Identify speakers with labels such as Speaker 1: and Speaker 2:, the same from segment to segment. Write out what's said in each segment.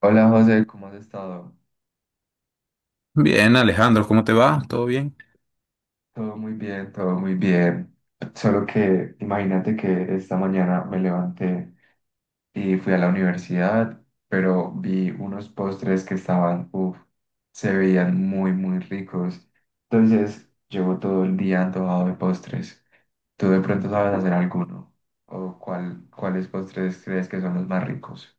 Speaker 1: Hola José, ¿cómo has estado?
Speaker 2: Bien, Alejandro, ¿cómo te va? ¿Todo bien?
Speaker 1: Todo muy bien, todo muy bien. Solo que imagínate que esta mañana me levanté y fui a la universidad, pero vi unos postres que estaban, uff, se veían muy, muy ricos. Entonces, llevo todo el día antojado de postres. ¿Tú de pronto sabes hacer alguno? ¿O cuáles postres crees que son los más ricos?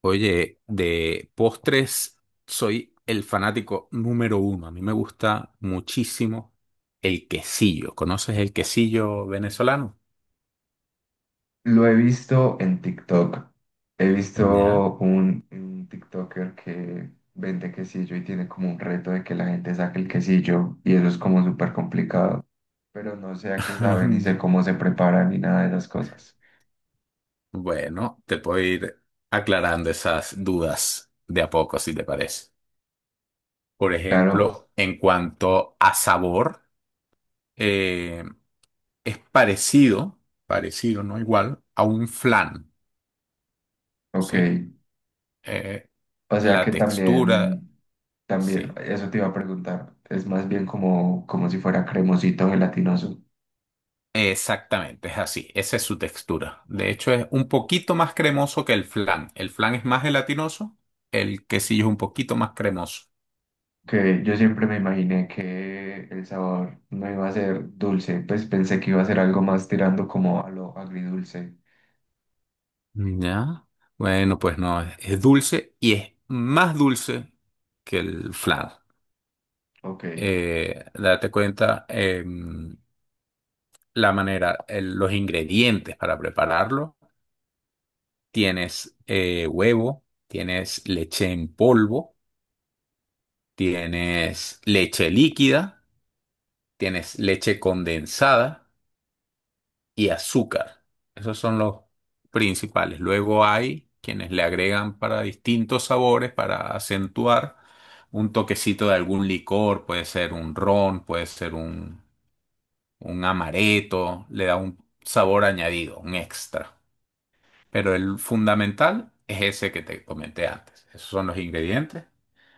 Speaker 2: Oye, de postres soy el fanático número uno. A mí me gusta muchísimo el quesillo. ¿Conoces el quesillo venezolano?
Speaker 1: Lo he visto en TikTok. He
Speaker 2: Ya.
Speaker 1: visto un TikToker que vende quesillo y tiene como un reto de que la gente saque el quesillo y eso es como súper complicado. Pero no sé a qué sabe ni sé cómo se prepara ni nada de esas cosas.
Speaker 2: Bueno, te puedo ir aclarando esas dudas de a poco, si te parece. Por
Speaker 1: Claro,
Speaker 2: ejemplo, en cuanto a sabor, eh, es parecido, parecido, no igual, a un flan,
Speaker 1: ok.
Speaker 2: ¿sí? Eh,
Speaker 1: O sea
Speaker 2: la
Speaker 1: que
Speaker 2: textura,
Speaker 1: también, también,
Speaker 2: sí.
Speaker 1: eso te iba a preguntar. Es más bien como, como si fuera cremosito gelatinoso.
Speaker 2: Exactamente, es así. Esa es su textura. De hecho, es un poquito más cremoso que el flan. El flan es más gelatinoso, el quesillo es un poquito más cremoso.
Speaker 1: Que yo siempre me imaginé que el sabor no iba a ser dulce, pues pensé que iba a ser algo más tirando como a lo agridulce.
Speaker 2: Ya. Bueno, pues no, es dulce y es más dulce que el flan.
Speaker 1: Ok,
Speaker 2: Date cuenta, la manera, los ingredientes para prepararlo. Tienes huevo, tienes leche en polvo. Tienes leche líquida, tienes leche condensada y azúcar. Esos son los principales. Luego hay quienes le agregan para distintos sabores, para acentuar un toquecito de algún licor, puede ser un ron, puede ser un amaretto, le da un sabor añadido, un extra. Pero el fundamental es ese que te comenté antes. Esos son los ingredientes.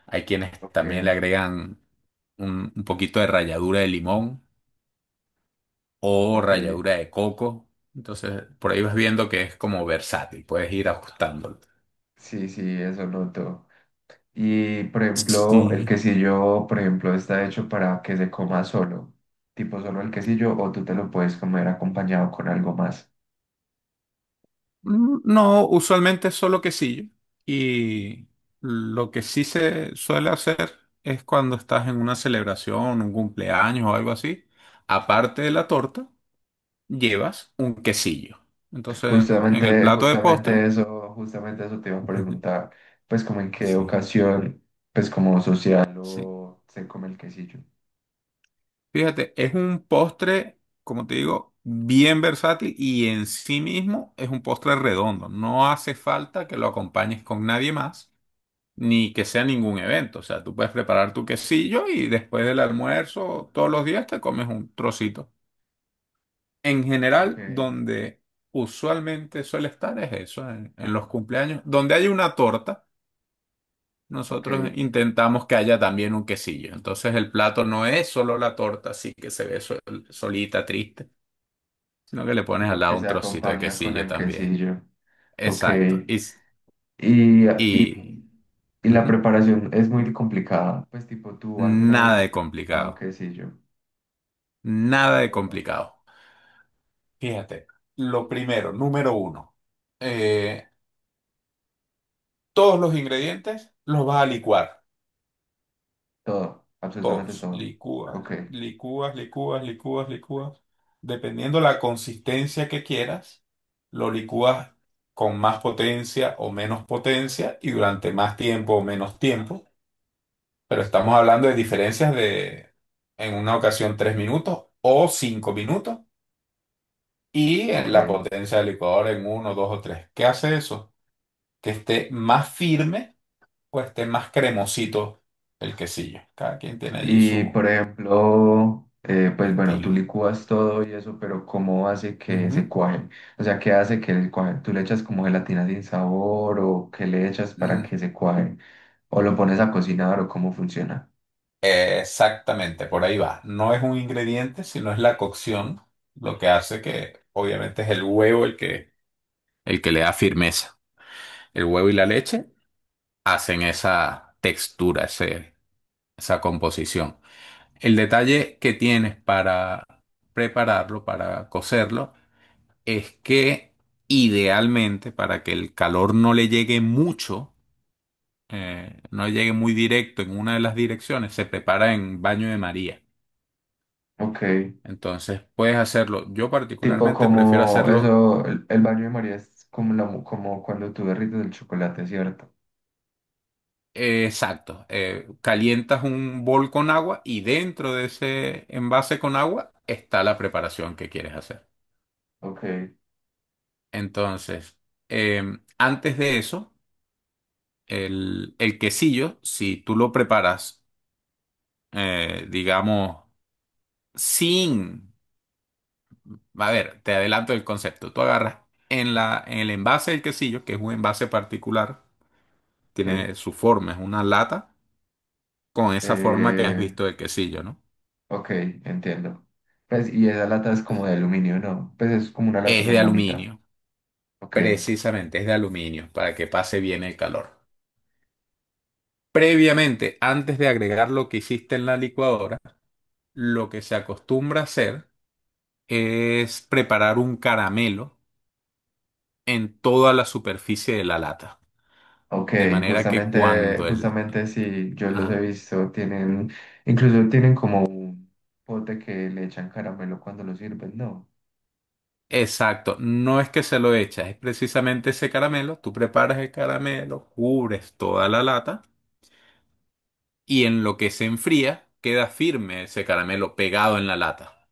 Speaker 2: Hay quienes
Speaker 1: ok,
Speaker 2: también le agregan un poquito de ralladura de limón o
Speaker 1: ok.
Speaker 2: ralladura de coco. Entonces, por ahí vas viendo que es como versátil, puedes ir ajustándolo.
Speaker 1: Sí, sí, eso noto. Y por ejemplo, el
Speaker 2: Sí.
Speaker 1: quesillo, por ejemplo, está hecho para que se coma solo, tipo solo el quesillo, o tú te lo puedes comer acompañado con algo más.
Speaker 2: No, usualmente es solo quesillo. Y lo que sí se suele hacer es cuando estás en una celebración, un cumpleaños o algo así, aparte de la torta, llevas un quesillo. Entonces, en el
Speaker 1: Justamente,
Speaker 2: plato de postre.
Speaker 1: justamente eso te iba a preguntar, pues como en qué
Speaker 2: Sí,
Speaker 1: ocasión, pues como social
Speaker 2: sí.
Speaker 1: o se come el quesillo.
Speaker 2: Fíjate, es un postre, como te digo, bien versátil y en sí mismo es un postre redondo. No hace falta que lo acompañes con nadie más, ni que sea ningún evento. O sea, tú puedes preparar tu quesillo y después del almuerzo, todos los días te comes un trocito. En
Speaker 1: Ok,
Speaker 2: general, donde usualmente suele estar es eso, en los cumpleaños, donde hay una torta.
Speaker 1: ok,
Speaker 2: Nosotros intentamos que haya también un quesillo. Entonces el plato no es solo la torta, así que se ve solita, triste, sino que le pones al
Speaker 1: sino
Speaker 2: lado
Speaker 1: que
Speaker 2: un
Speaker 1: se
Speaker 2: trocito de
Speaker 1: acompaña con
Speaker 2: quesillo
Speaker 1: el
Speaker 2: también.
Speaker 1: quesillo. Ok,
Speaker 2: Exacto. Y, s-
Speaker 1: y,
Speaker 2: y
Speaker 1: y la
Speaker 2: ujú.
Speaker 1: preparación es muy complicada, pues tipo tú alguna vez
Speaker 2: Nada
Speaker 1: has
Speaker 2: de
Speaker 1: preparado
Speaker 2: complicado.
Speaker 1: quesillo.
Speaker 2: Nada de
Speaker 1: Todo.
Speaker 2: complicado. Fíjate, lo primero, número uno, eh, todos los ingredientes los vas a licuar.
Speaker 1: Todo, absolutamente
Speaker 2: Todos,
Speaker 1: todo. Ok,
Speaker 2: licúas, licúas, licúas, licúas, licúas. Dependiendo la consistencia que quieras, lo licúas con más potencia o menos potencia y durante más tiempo o menos tiempo. Pero estamos hablando de diferencias de, en una ocasión, 3 minutos o 5 minutos y en
Speaker 1: ok.
Speaker 2: la potencia del licuador en uno, dos o tres. ¿Qué hace eso? Que esté más firme o esté más cremosito el quesillo. Cada quien tiene allí
Speaker 1: Y
Speaker 2: su
Speaker 1: por ejemplo, pues bueno, tú
Speaker 2: estilo.
Speaker 1: licúas todo y eso, pero ¿cómo hace que se
Speaker 2: Ujú.
Speaker 1: cuaje? O sea, ¿qué hace que el cuaje? ¿Tú le echas como gelatina sin sabor o qué le echas para
Speaker 2: Mm,
Speaker 1: que se cuaje? ¿O lo pones a cocinar o cómo funciona?
Speaker 2: Exactamente, por ahí va. No es un ingrediente, sino es la cocción lo que hace que, obviamente, es el huevo el que le da firmeza. El huevo y la leche hacen esa textura, esa composición. El detalle que tienes para prepararlo, para cocerlo, es que idealmente, para que el calor no le llegue mucho, no llegue muy directo en una de las direcciones, se prepara en baño de María.
Speaker 1: Ok,
Speaker 2: Entonces puedes hacerlo. Yo
Speaker 1: tipo
Speaker 2: particularmente prefiero
Speaker 1: como
Speaker 2: hacerlo
Speaker 1: eso, el baño de María es como, la, mu- como cuando tú derrites el chocolate, ¿cierto?
Speaker 2: exacto. Calientas un bol con agua y dentro de ese envase con agua está la preparación que quieres hacer.
Speaker 1: Ok,
Speaker 2: Entonces, eh, antes de eso, el quesillo, si tú lo preparas, digamos, sin... A ver, te adelanto el concepto. Tú agarras en el envase del quesillo, que es un envase particular,
Speaker 1: ok,
Speaker 2: tiene su forma, es una lata con esa forma que has
Speaker 1: eh,
Speaker 2: visto del quesillo, ¿no?
Speaker 1: ok, entiendo. Pues, y esa lata es como de aluminio, ¿no? Pues es como una lata
Speaker 2: Es de
Speaker 1: normalita.
Speaker 2: aluminio,
Speaker 1: Ok.
Speaker 2: precisamente es de aluminio, para que pase bien el calor. Previamente, antes de agregar lo que hiciste en la licuadora, lo que se acostumbra a hacer es preparar un caramelo en toda la superficie de la lata,
Speaker 1: Ok,
Speaker 2: de manera que
Speaker 1: justamente,
Speaker 2: cuando el...
Speaker 1: justamente sí, yo los he
Speaker 2: Ajá.
Speaker 1: visto, tienen, incluso tienen como un pote que le echan caramelo cuando lo sirven, ¿no?
Speaker 2: Exacto, no es que se lo echas, es precisamente ese caramelo, tú preparas el caramelo, cubres toda la lata y en lo que se enfría queda firme ese caramelo pegado en la lata.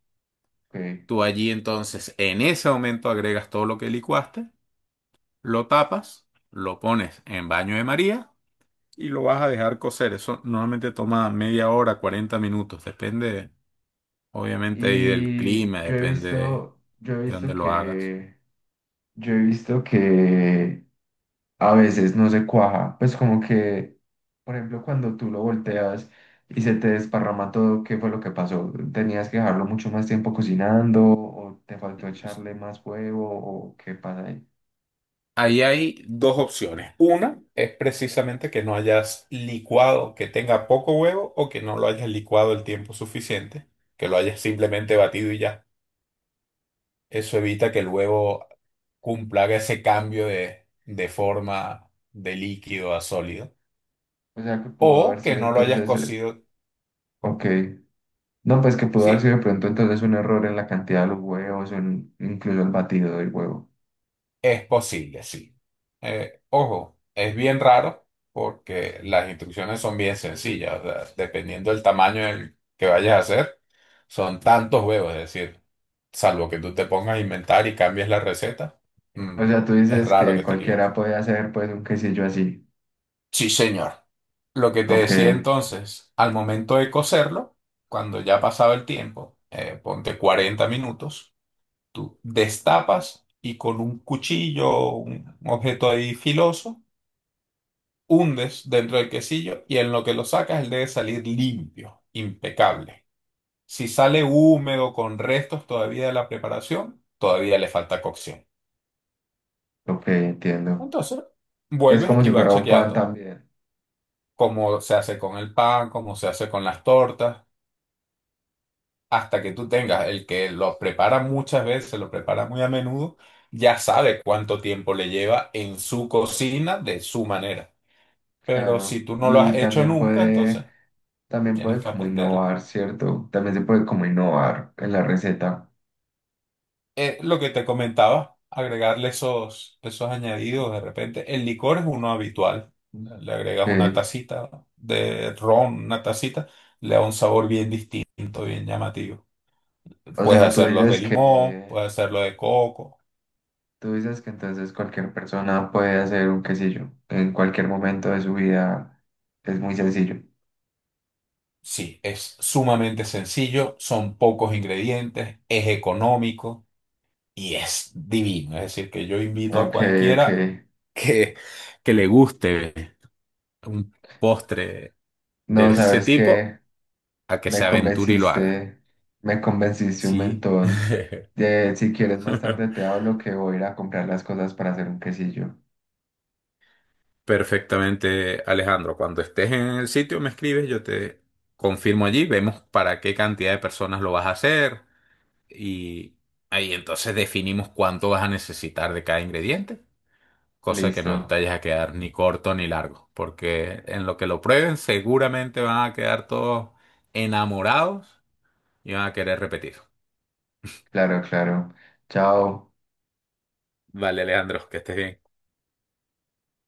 Speaker 1: Ok.
Speaker 2: Tú allí entonces en ese momento agregas todo lo que licuaste, lo tapas, lo pones en baño de María y lo vas a dejar cocer. Eso normalmente toma media hora, 40 minutos, depende obviamente ahí del
Speaker 1: Y
Speaker 2: clima,
Speaker 1: yo he
Speaker 2: depende de
Speaker 1: visto, yo he visto
Speaker 2: dónde lo hagas.
Speaker 1: que, yo he visto que a veces no se cuaja, pues como que, por ejemplo, cuando tú lo volteas y se te desparrama todo, ¿qué fue lo que pasó? ¿Tenías que dejarlo mucho más tiempo cocinando o te faltó echarle más huevo o qué pasa ahí?
Speaker 2: Ahí hay dos opciones. Una es precisamente que no hayas licuado, que tenga poco huevo o que no lo hayas licuado el tiempo suficiente, que lo hayas simplemente batido y ya. Eso evita que el huevo cumpla ese cambio de forma de líquido a sólido.
Speaker 1: O sea que pudo haber
Speaker 2: O que
Speaker 1: sido
Speaker 2: no lo hayas
Speaker 1: entonces,
Speaker 2: cocido.
Speaker 1: ok.
Speaker 2: ¿Cómo?
Speaker 1: No, pues que pudo haber
Speaker 2: Sí,
Speaker 1: sido de pronto entonces un error en la cantidad de los huevos, o en- incluso el batido del huevo.
Speaker 2: es posible, sí. Ojo, es bien raro porque las instrucciones son bien sencillas, o sea, dependiendo del tamaño del que vayas a hacer, son tantos huevos, es decir, salvo que tú te pongas a inventar y cambies la receta, mm,
Speaker 1: O sea, tú
Speaker 2: es
Speaker 1: dices
Speaker 2: raro
Speaker 1: que
Speaker 2: que te equivoques.
Speaker 1: cualquiera puede hacer pues un quesillo así.
Speaker 2: Sí, señor. Lo que te
Speaker 1: Ok,
Speaker 2: decía entonces, al momento de cocerlo, cuando ya ha pasado el tiempo, ponte 40 minutos, tú destapas y con un cuchillo, un objeto ahí filoso, hundes dentro del quesillo y en lo que lo sacas él debe salir limpio, impecable. Si sale húmedo con restos todavía de la preparación, todavía le falta cocción.
Speaker 1: ok, entiendo.
Speaker 2: Entonces,
Speaker 1: Es
Speaker 2: vuelves
Speaker 1: como
Speaker 2: y
Speaker 1: si
Speaker 2: vas
Speaker 1: fuera un pan
Speaker 2: chequeando
Speaker 1: también,
Speaker 2: cómo se hace con el pan, cómo se hace con las tortas, hasta que tú tengas el que lo prepara muchas veces, lo prepara muy a menudo, ya sabe cuánto tiempo le lleva en su cocina de su manera. Pero
Speaker 1: claro.
Speaker 2: si tú no lo has
Speaker 1: Y
Speaker 2: hecho nunca, entonces
Speaker 1: también
Speaker 2: tienes
Speaker 1: puede
Speaker 2: que
Speaker 1: como
Speaker 2: aprenderlo.
Speaker 1: innovar, ¿cierto? También se puede como innovar en la receta.
Speaker 2: Lo que te comentaba, agregarle esos añadidos de repente. El licor es uno habitual. Le agregas una
Speaker 1: Ok.
Speaker 2: tacita de ron, una tacita, le da un sabor bien distinto, bien llamativo.
Speaker 1: O
Speaker 2: Puedes
Speaker 1: sea, tú
Speaker 2: hacerlos de
Speaker 1: dices
Speaker 2: limón,
Speaker 1: que...
Speaker 2: puedes hacerlo de coco.
Speaker 1: Tú dices que entonces cualquier persona puede hacer un quesillo en cualquier momento de su vida. Es muy sencillo.
Speaker 2: Sí, es sumamente sencillo, son pocos ingredientes, es económico y es divino. Es decir, que yo invito a
Speaker 1: Ok, ok.
Speaker 2: cualquiera que, que le guste un postre de
Speaker 1: No,
Speaker 2: ese
Speaker 1: sabes
Speaker 2: tipo
Speaker 1: que
Speaker 2: a que
Speaker 1: me
Speaker 2: se aventure y lo haga.
Speaker 1: convenciste, me convenciste un
Speaker 2: Sí.
Speaker 1: montón. De, si quieres más tarde te hablo que voy a ir a comprar las cosas para hacer un quesillo.
Speaker 2: Perfectamente, Alejandro. Cuando estés en el sitio, me escribes, yo te confirmo allí, vemos para qué cantidad de personas lo vas a hacer y ahí entonces definimos cuánto vas a necesitar de cada ingrediente, cosa que no te
Speaker 1: Listo.
Speaker 2: vayas a quedar ni corto ni largo, porque en lo que lo prueben seguramente van a quedar todos enamorados y van a querer repetir.
Speaker 1: Claro, claro. Chao.
Speaker 2: Vale, Alejandro, que estés bien.